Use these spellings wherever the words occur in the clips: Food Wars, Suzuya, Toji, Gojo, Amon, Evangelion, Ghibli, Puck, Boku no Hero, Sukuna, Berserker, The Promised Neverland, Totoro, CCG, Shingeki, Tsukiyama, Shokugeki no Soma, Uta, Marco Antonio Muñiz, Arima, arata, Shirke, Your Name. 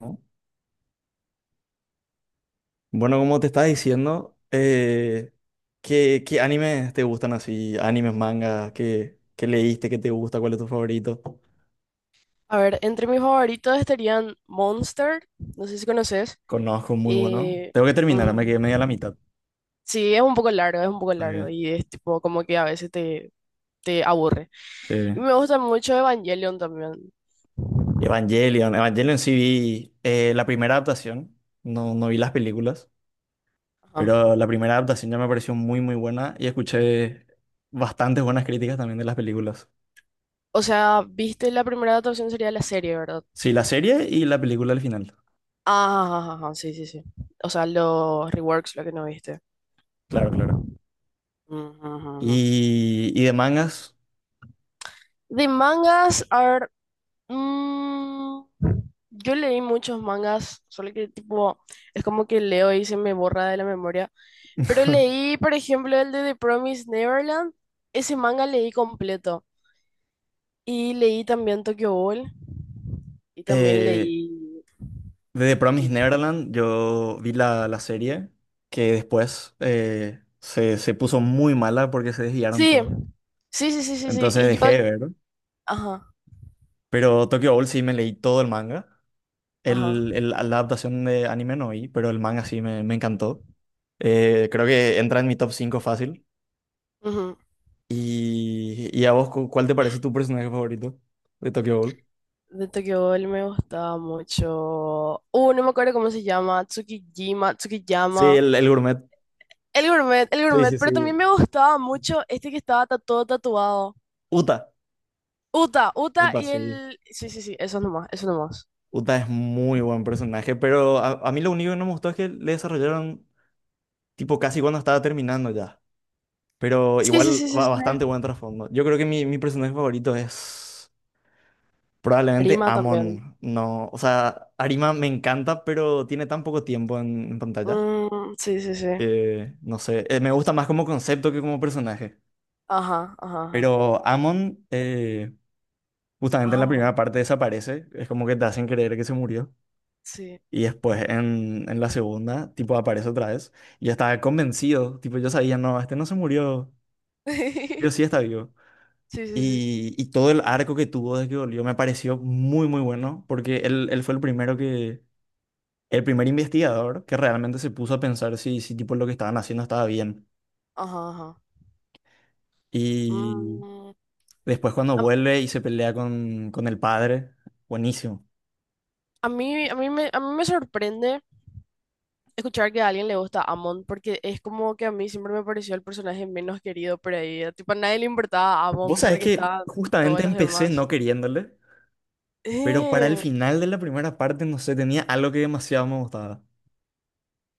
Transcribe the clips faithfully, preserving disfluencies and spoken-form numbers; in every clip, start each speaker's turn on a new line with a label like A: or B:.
A: ¿No? Bueno, como te estaba diciendo, eh, ¿qué, qué animes te gustan así? ¿Animes, mangas? ¿Qué, qué leíste? ¿Qué te gusta? ¿Cuál es tu favorito?
B: A ver, entre mis favoritos estarían Monster, no sé si conoces.
A: Conozco, muy bueno.
B: eh,
A: Tengo que terminar, me
B: Ujú.
A: quedé media a la mitad.
B: Sí, es un poco largo, es un poco largo
A: Muy...
B: y es tipo como que a veces te, te aburre. Y
A: Eh,
B: me gusta mucho Evangelion también.
A: Evangelion. Evangelion sí vi, eh, la primera adaptación. No, no vi las películas,
B: Ajá.
A: pero la primera adaptación ya me pareció muy, muy buena y escuché bastantes buenas críticas también de las películas.
B: O sea, viste la primera adaptación sería la serie, ¿verdad?
A: Sí, la serie y la película al final.
B: Ah, ajá, ajá, sí, sí, sí. O sea, los reworks, lo que no viste.
A: Claro, claro.
B: Ujú, ujú, ujú.
A: Y, y de mangas.
B: De mangas, a ver. Mm, yo leí muchos mangas, solo que tipo, es como que leo y se me borra de la memoria. Pero leí, por ejemplo, el de The Promised Neverland. Ese manga leí completo. Y leí también Tokyo Ghoul. Y también
A: Eh,
B: leí...
A: de The Promised
B: ¿Qué?
A: Neverland, yo vi la, la serie que después eh, se, se puso muy mala porque se desviaron
B: Sí,
A: todo.
B: sí, sí, sí, sí, sí.
A: Entonces
B: Y yo...
A: dejé de ver.
B: Ajá,
A: Pero Tokyo Ghoul sí me leí todo el manga.
B: ajá.
A: El, el- la adaptación de anime no vi, pero el manga sí me, me encantó. Eh, creo que entra en mi top cinco fácil.
B: Ujú.
A: Y, y a vos, cu- ¿cuál te parece tu personaje favorito de Tokyo Ghoul?
B: De Tokyo Ghoul me gustaba mucho. Uh, no me acuerdo cómo se llama. Tsukijima,
A: Sí,
B: Tsukiyama.
A: el, el gourmet.
B: El gourmet, el
A: Sí,
B: gourmet,
A: sí,
B: pero también
A: sí.
B: me gustaba mucho este que estaba ta- todo tatuado.
A: Uta.
B: Uta, Uta
A: Uta,
B: y
A: sí.
B: el... Sí, sí, sí, eso nomás, eso nomás.
A: Uta es muy buen personaje, pero a, a mí lo único que no me gustó es que le desarrollaron tipo casi cuando estaba terminando ya. Pero
B: Sí, sí,
A: igual
B: sí, sí,
A: va
B: sí.
A: bastante buen trasfondo. Yo creo que mi, mi personaje favorito es probablemente
B: Arima también.
A: Amon. No, o sea, Arima me encanta, pero tiene tan poco tiempo en, en pantalla
B: Mm, sí, sí, sí.
A: que no sé, eh, me gusta más como concepto que como personaje.
B: Ajá, ajá, ajá.
A: Pero Amon eh, justamente en la primera
B: Amo,
A: parte desaparece. Es como que te hacen creer que se murió.
B: sí.
A: Y después en, en la segunda, tipo, aparece otra vez. Y yo estaba convencido, tipo, yo sabía, no, este no se murió, yo sí está vivo.
B: Sí, sí, sí.
A: Y, y todo el arco que tuvo desde que volvió me pareció muy, muy bueno, porque él, él fue el primero que, el primer investigador que realmente se puso a pensar si, si tipo lo que estaban haciendo estaba bien.
B: Ajá, ajá.
A: Y
B: Mm,
A: después cuando
B: a,
A: vuelve y se pelea con, con el padre, buenísimo.
B: a mí, a mí me, a mí me sorprende escuchar que a alguien le gusta Amon, porque es como que a mí siempre me pareció el personaje menos querido por ahí. Tipo, a nadie le importaba Amon
A: Vos sabés
B: porque
A: que
B: estaban todos
A: justamente
B: los
A: empecé
B: demás.
A: no queriéndole. Pero para el
B: Eh,
A: final de la primera parte, no sé, tenía algo que demasiado me gustaba.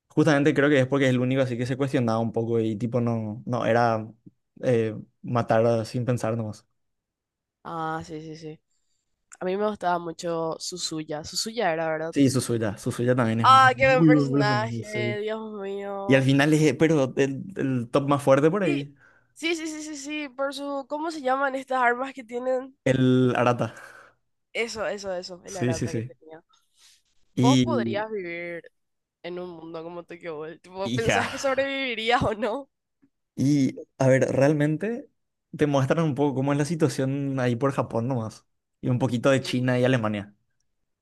A: Justamente creo que es porque es el único así que se cuestionaba un poco y tipo no, no, era eh, matar a- sin pensar nomás.
B: Ah, sí, sí, sí. A mí me gustaba mucho Suzuya. Suzuya era, ¿verdad?
A: Sí, Suzuya, Suzuya también es
B: Ah, qué buen
A: muy buen personaje, sí.
B: personaje, Dios
A: Y al
B: mío.
A: final es, eh, pero el, el top más fuerte por
B: Sí,
A: ahí,
B: sí, sí, sí, sí, sí, por su... ¿Cómo se llaman estas armas que tienen?
A: el Arata.
B: Eso, eso, eso, el
A: Sí, sí,
B: arata que
A: sí.
B: tenía. ¿Vos
A: Y,
B: podrías vivir en un mundo como Tokyo Ghoul? Tipo,
A: y ya.
B: ¿pensás que sobrevivirías o no?
A: Y a ver, realmente te muestran un poco cómo es la situación ahí por Japón nomás. Y un poquito de
B: Mm,
A: China y Alemania.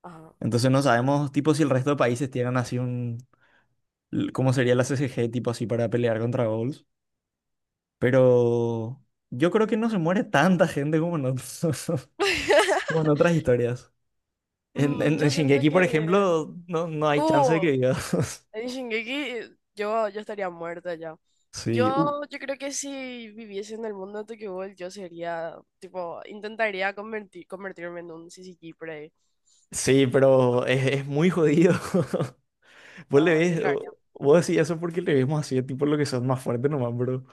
B: ajá.
A: Entonces no sabemos, tipo, si el resto de países tienen así un, l- cómo sería la C C G, tipo, así para pelear contra goals. Pero yo creo que no se muere tanta gente como en otros- como en otras historias. En,
B: Mm,
A: en, en
B: yo siento
A: Shingeki, por
B: que...
A: ejemplo, no, no hay chance de que
B: Uh,
A: digas.
B: en Shingeki yo, yo estaría muerta ya.
A: Sí, uh,
B: Yo, yo creo que si viviese en el mundo de Tokyo Ghoul, yo sería, tipo, intentaría convertir, convertirme en un C C G por ahí.
A: sí, pero es, es muy jodido. Vos le
B: No, yo
A: ves,
B: lo haría.
A: vos decís eso porque le vemos así, tipo, lo que son más fuertes nomás, bro.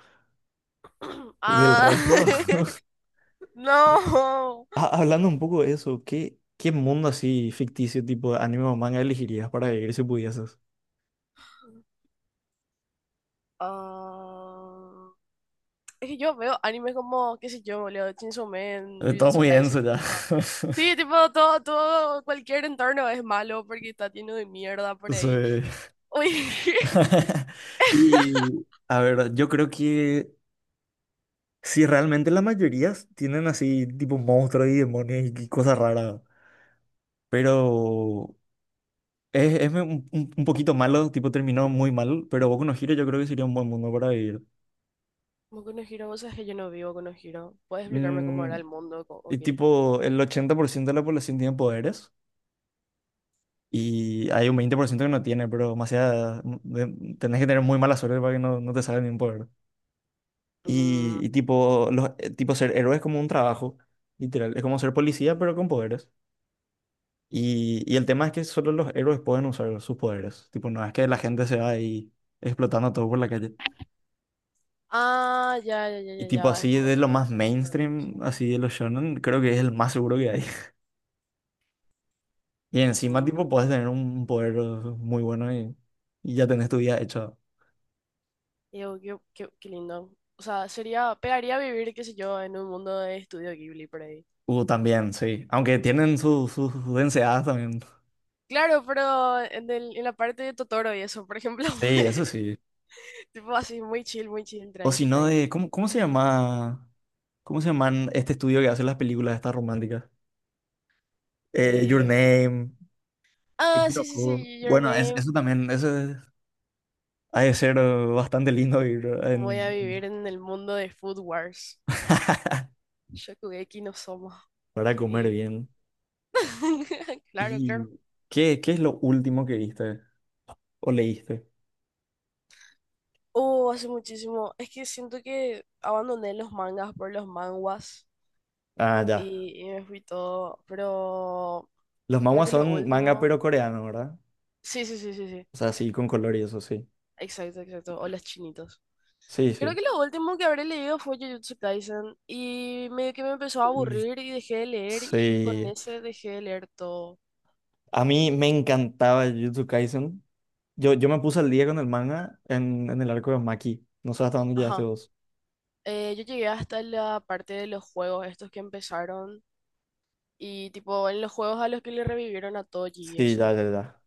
A: Del
B: Ah,
A: resto.
B: no.
A: Ah, hablando un poco de eso, ¿qué, qué mundo así ficticio tipo de anime o manga elegirías para vivir si pudieses?
B: Ah, es que yo veo animes como, qué sé yo, boludo, Chainsaw Man,
A: Eh, Todo
B: Jujutsu
A: muy
B: Kaisen
A: denso
B: y
A: ya.
B: eso. Sí, tipo, todo, todo, cualquier entorno es malo porque está lleno de mierda por ahí.
A: Sí.
B: Uy.
A: Y a ver, yo creo que si realmente la mayoría tienen así tipo monstruos y demonios y cosas raras, pero es, es un, un- un poquito malo, tipo terminó muy mal, pero Boku no Hero yo creo que sería un buen mundo para vivir.
B: Como Konohiro, vos sabés que yo no vivo Konohiro. ¿Puedes explicarme cómo
A: Mm,
B: era el mundo co- o
A: y
B: qué?
A: tipo el ochenta por ciento de la población tiene poderes. Y hay un veinte por ciento que no tiene, pero demasiada, de- tenés que tener muy mala suerte para que no, no te salga ningún poder.
B: Mm,
A: Y, y tipo, los, eh, tipo ser héroe es como un trabajo, literal. Es como ser policía, pero con poderes. Y, y el tema es que solo los héroes pueden usar sus poderes. Tipo, no es que la gente se va ahí explotando todo por la calle.
B: ah, ya, ya, ya,
A: Y
B: ya,
A: tipo,
B: ya. Es
A: así
B: como
A: de lo
B: que
A: más
B: tenés
A: mainstream,
B: permiso.
A: así de los shonen, creo que es el más seguro que hay. Y encima, tipo,
B: Mm.
A: puedes tener un poder muy bueno y, y ya tenés tu vida hecha.
B: Digo, qué, qué, qué lindo. O sea, sería, pegaría vivir, qué sé yo, en un mundo de estudio Ghibli por ahí.
A: Uh, también, sí. Aunque tienen su- sus densidades también.
B: Claro, pero en, el- en la parte de Totoro y eso, por ejemplo.
A: Sí, eso sí.
B: Tipo así, muy chill, muy chill,
A: O
B: tranqui,
A: si no
B: tranqui.
A: de... ¿Cómo, cómo se llama? ¿Cómo se llaman este estudio que hace las películas estas románticas? Eh, Your
B: Eh,
A: Name,
B: ah, sí, sí,
A: Kinoko.
B: sí, Your
A: Bueno, es- eso
B: Name.
A: también, eso es- ha de ser eh, bastante lindo ir
B: Voy a
A: en-
B: vivir en el mundo de Food Wars. Shokugeki no Soma.
A: para comer
B: Sí.
A: bien.
B: Claro, claro.
A: ¿Y qué, qué es lo último que viste o leíste?
B: Oh, hace muchísimo. Es que siento que abandoné los mangas por los manguas
A: Ah, ya.
B: y, y me fui todo. Pero
A: Los
B: creo
A: manhwa
B: que lo
A: son manga
B: último.
A: pero coreano, ¿verdad?
B: Sí, sí, sí, sí, sí.
A: O sea, sí, con color y eso, sí.
B: Exacto, exacto. O los chinitos.
A: Sí,
B: Creo
A: sí.
B: que lo último que habré leído fue Jujutsu Kaisen y medio que me empezó a
A: Mm.
B: aburrir y dejé de leer y con
A: Sí.
B: ese dejé de leer todo.
A: A mí me encantaba Jujutsu Kaisen. Yo, yo me puse al día con el manga en, en el arco de Maki. No sé hasta dónde llegaste
B: Ajá.
A: vos.
B: Eh, yo llegué hasta la parte de los juegos, estos que empezaron y tipo en los juegos a los que le revivieron a Toji y
A: Sí, ya,
B: eso.
A: ya, ya.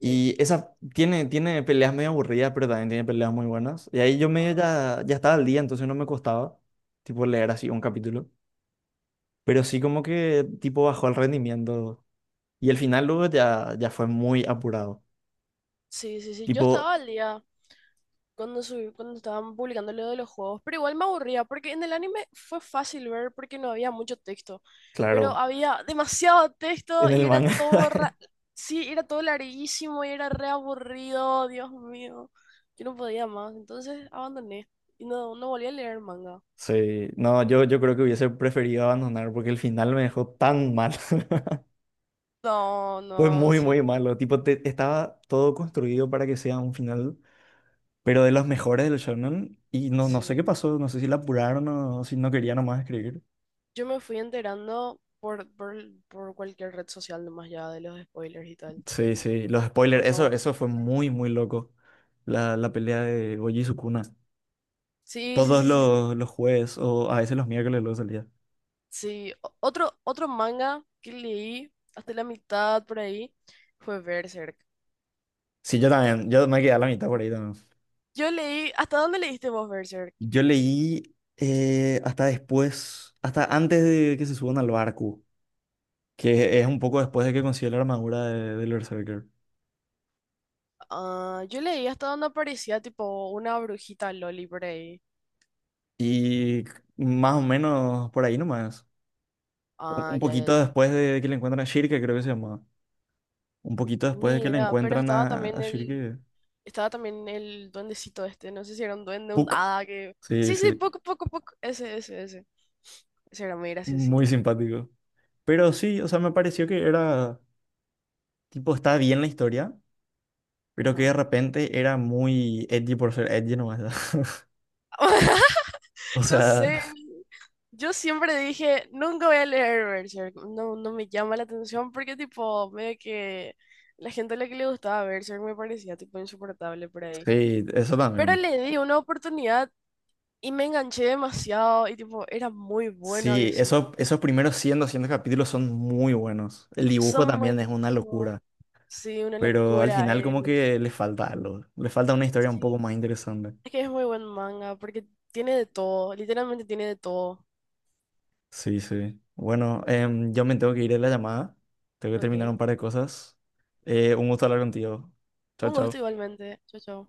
B: Sí.
A: esa tiene, tiene peleas medio aburridas, pero también tiene peleas muy buenas. Y ahí yo medio
B: Ah,
A: ya, ya estaba al día, entonces no me costaba, tipo, leer así un capítulo. Pero sí como que, tipo, bajó el rendimiento. Y el final luego ya, ya fue muy apurado.
B: sí, sí, sí. Yo
A: Tipo,
B: estaba al día cuando, subí- cuando estaban publicando lo de los juegos, pero igual me aburría porque en el anime fue fácil ver porque no había mucho texto, pero
A: claro,
B: había demasiado texto
A: en
B: y
A: el
B: era
A: manga.
B: todo, ra- sí, era todo larguísimo y era re aburrido, Dios mío. Yo no podía más, entonces abandoné y no, no volví a leer manga.
A: Sí, no, yo, yo creo que hubiese preferido abandonar porque el final me dejó tan mal.
B: No,
A: Fue
B: no,
A: muy,
B: sí,
A: muy malo. Tipo, te- estaba todo construido para que sea un final, pero de los mejores del shonen. Y no, no sé
B: sí.
A: qué pasó, no sé si la apuraron o si no quería nomás escribir.
B: Yo me fui enterando por, por, por cualquier red social nomás ya de los spoilers y tal.
A: Sí, sí, los spoilers,
B: Cuando
A: eso,
B: volví
A: eso
B: a
A: fue
B: tocar.
A: muy, muy loco. La, la pelea de Gojo y Sukuna.
B: Sí, sí,
A: Todos
B: sí, sí, sí.
A: los, los jueves o a veces los miércoles luego salía.
B: Sí, o- otro, otro manga que leí hasta la mitad por ahí fue Berserk.
A: Sí, yo también, yo me quedé a la mitad por ahí.
B: Yo leí, ¿hasta dónde leíste vos Berserk?
A: Yo leí eh, hasta después, hasta antes de que se suban al barco, que es un poco después de que consigue la armadura de- del Berserker.
B: Ah, yo leí hasta donde aparecía tipo una brujita Loli por ahí.
A: Y más o menos por ahí nomás. Un
B: Ah,
A: un
B: ya, ya,
A: poquito
B: ya.
A: después de que le encuentran a Shirke, creo que se llamaba. Un poquito después de
B: Ni
A: que le
B: idea, pero
A: encuentran
B: estaba
A: a, a
B: también el,
A: Shirke.
B: estaba también el duendecito este, no sé si era un duende, un
A: Puck.
B: hada que...
A: Sí,
B: Sí, sí,
A: sí.
B: poco, poco, poco. Ese, ese, ese. Ese era muy
A: Muy
B: graciosito.
A: simpático. Pero sí, o sea, me pareció que era, tipo, está bien la historia, pero que
B: Ajá.
A: de repente era muy edgy por ser edgy nomás. O
B: No
A: sea,
B: sé, yo siempre dije, nunca voy a leer Berserk, no, no me llama la atención porque tipo, medio que la gente a la que le gustaba Berserk me parecía tipo insoportable por ahí.
A: sí, eso
B: Pero
A: también.
B: le di una oportunidad y me enganché demasiado y tipo, era muy bueno
A: Sí,
B: había
A: eso,
B: sido.
A: esos primeros cien, doscientos capítulos son muy buenos. El dibujo
B: Son
A: también es una
B: buenísimos,
A: locura,
B: sí, una
A: pero al
B: locura
A: final como
B: es.
A: que le falta algo, le falta una historia un poco
B: Sí,
A: más interesante.
B: es que es muy buen manga porque tiene de todo, literalmente tiene de todo.
A: Sí, sí. Bueno, em, yo me tengo que ir a la llamada, tengo que
B: Ok,
A: terminar un par de cosas. Eh, un gusto hablar contigo. Chao,
B: un gusto
A: chao.
B: igualmente, chao, chao.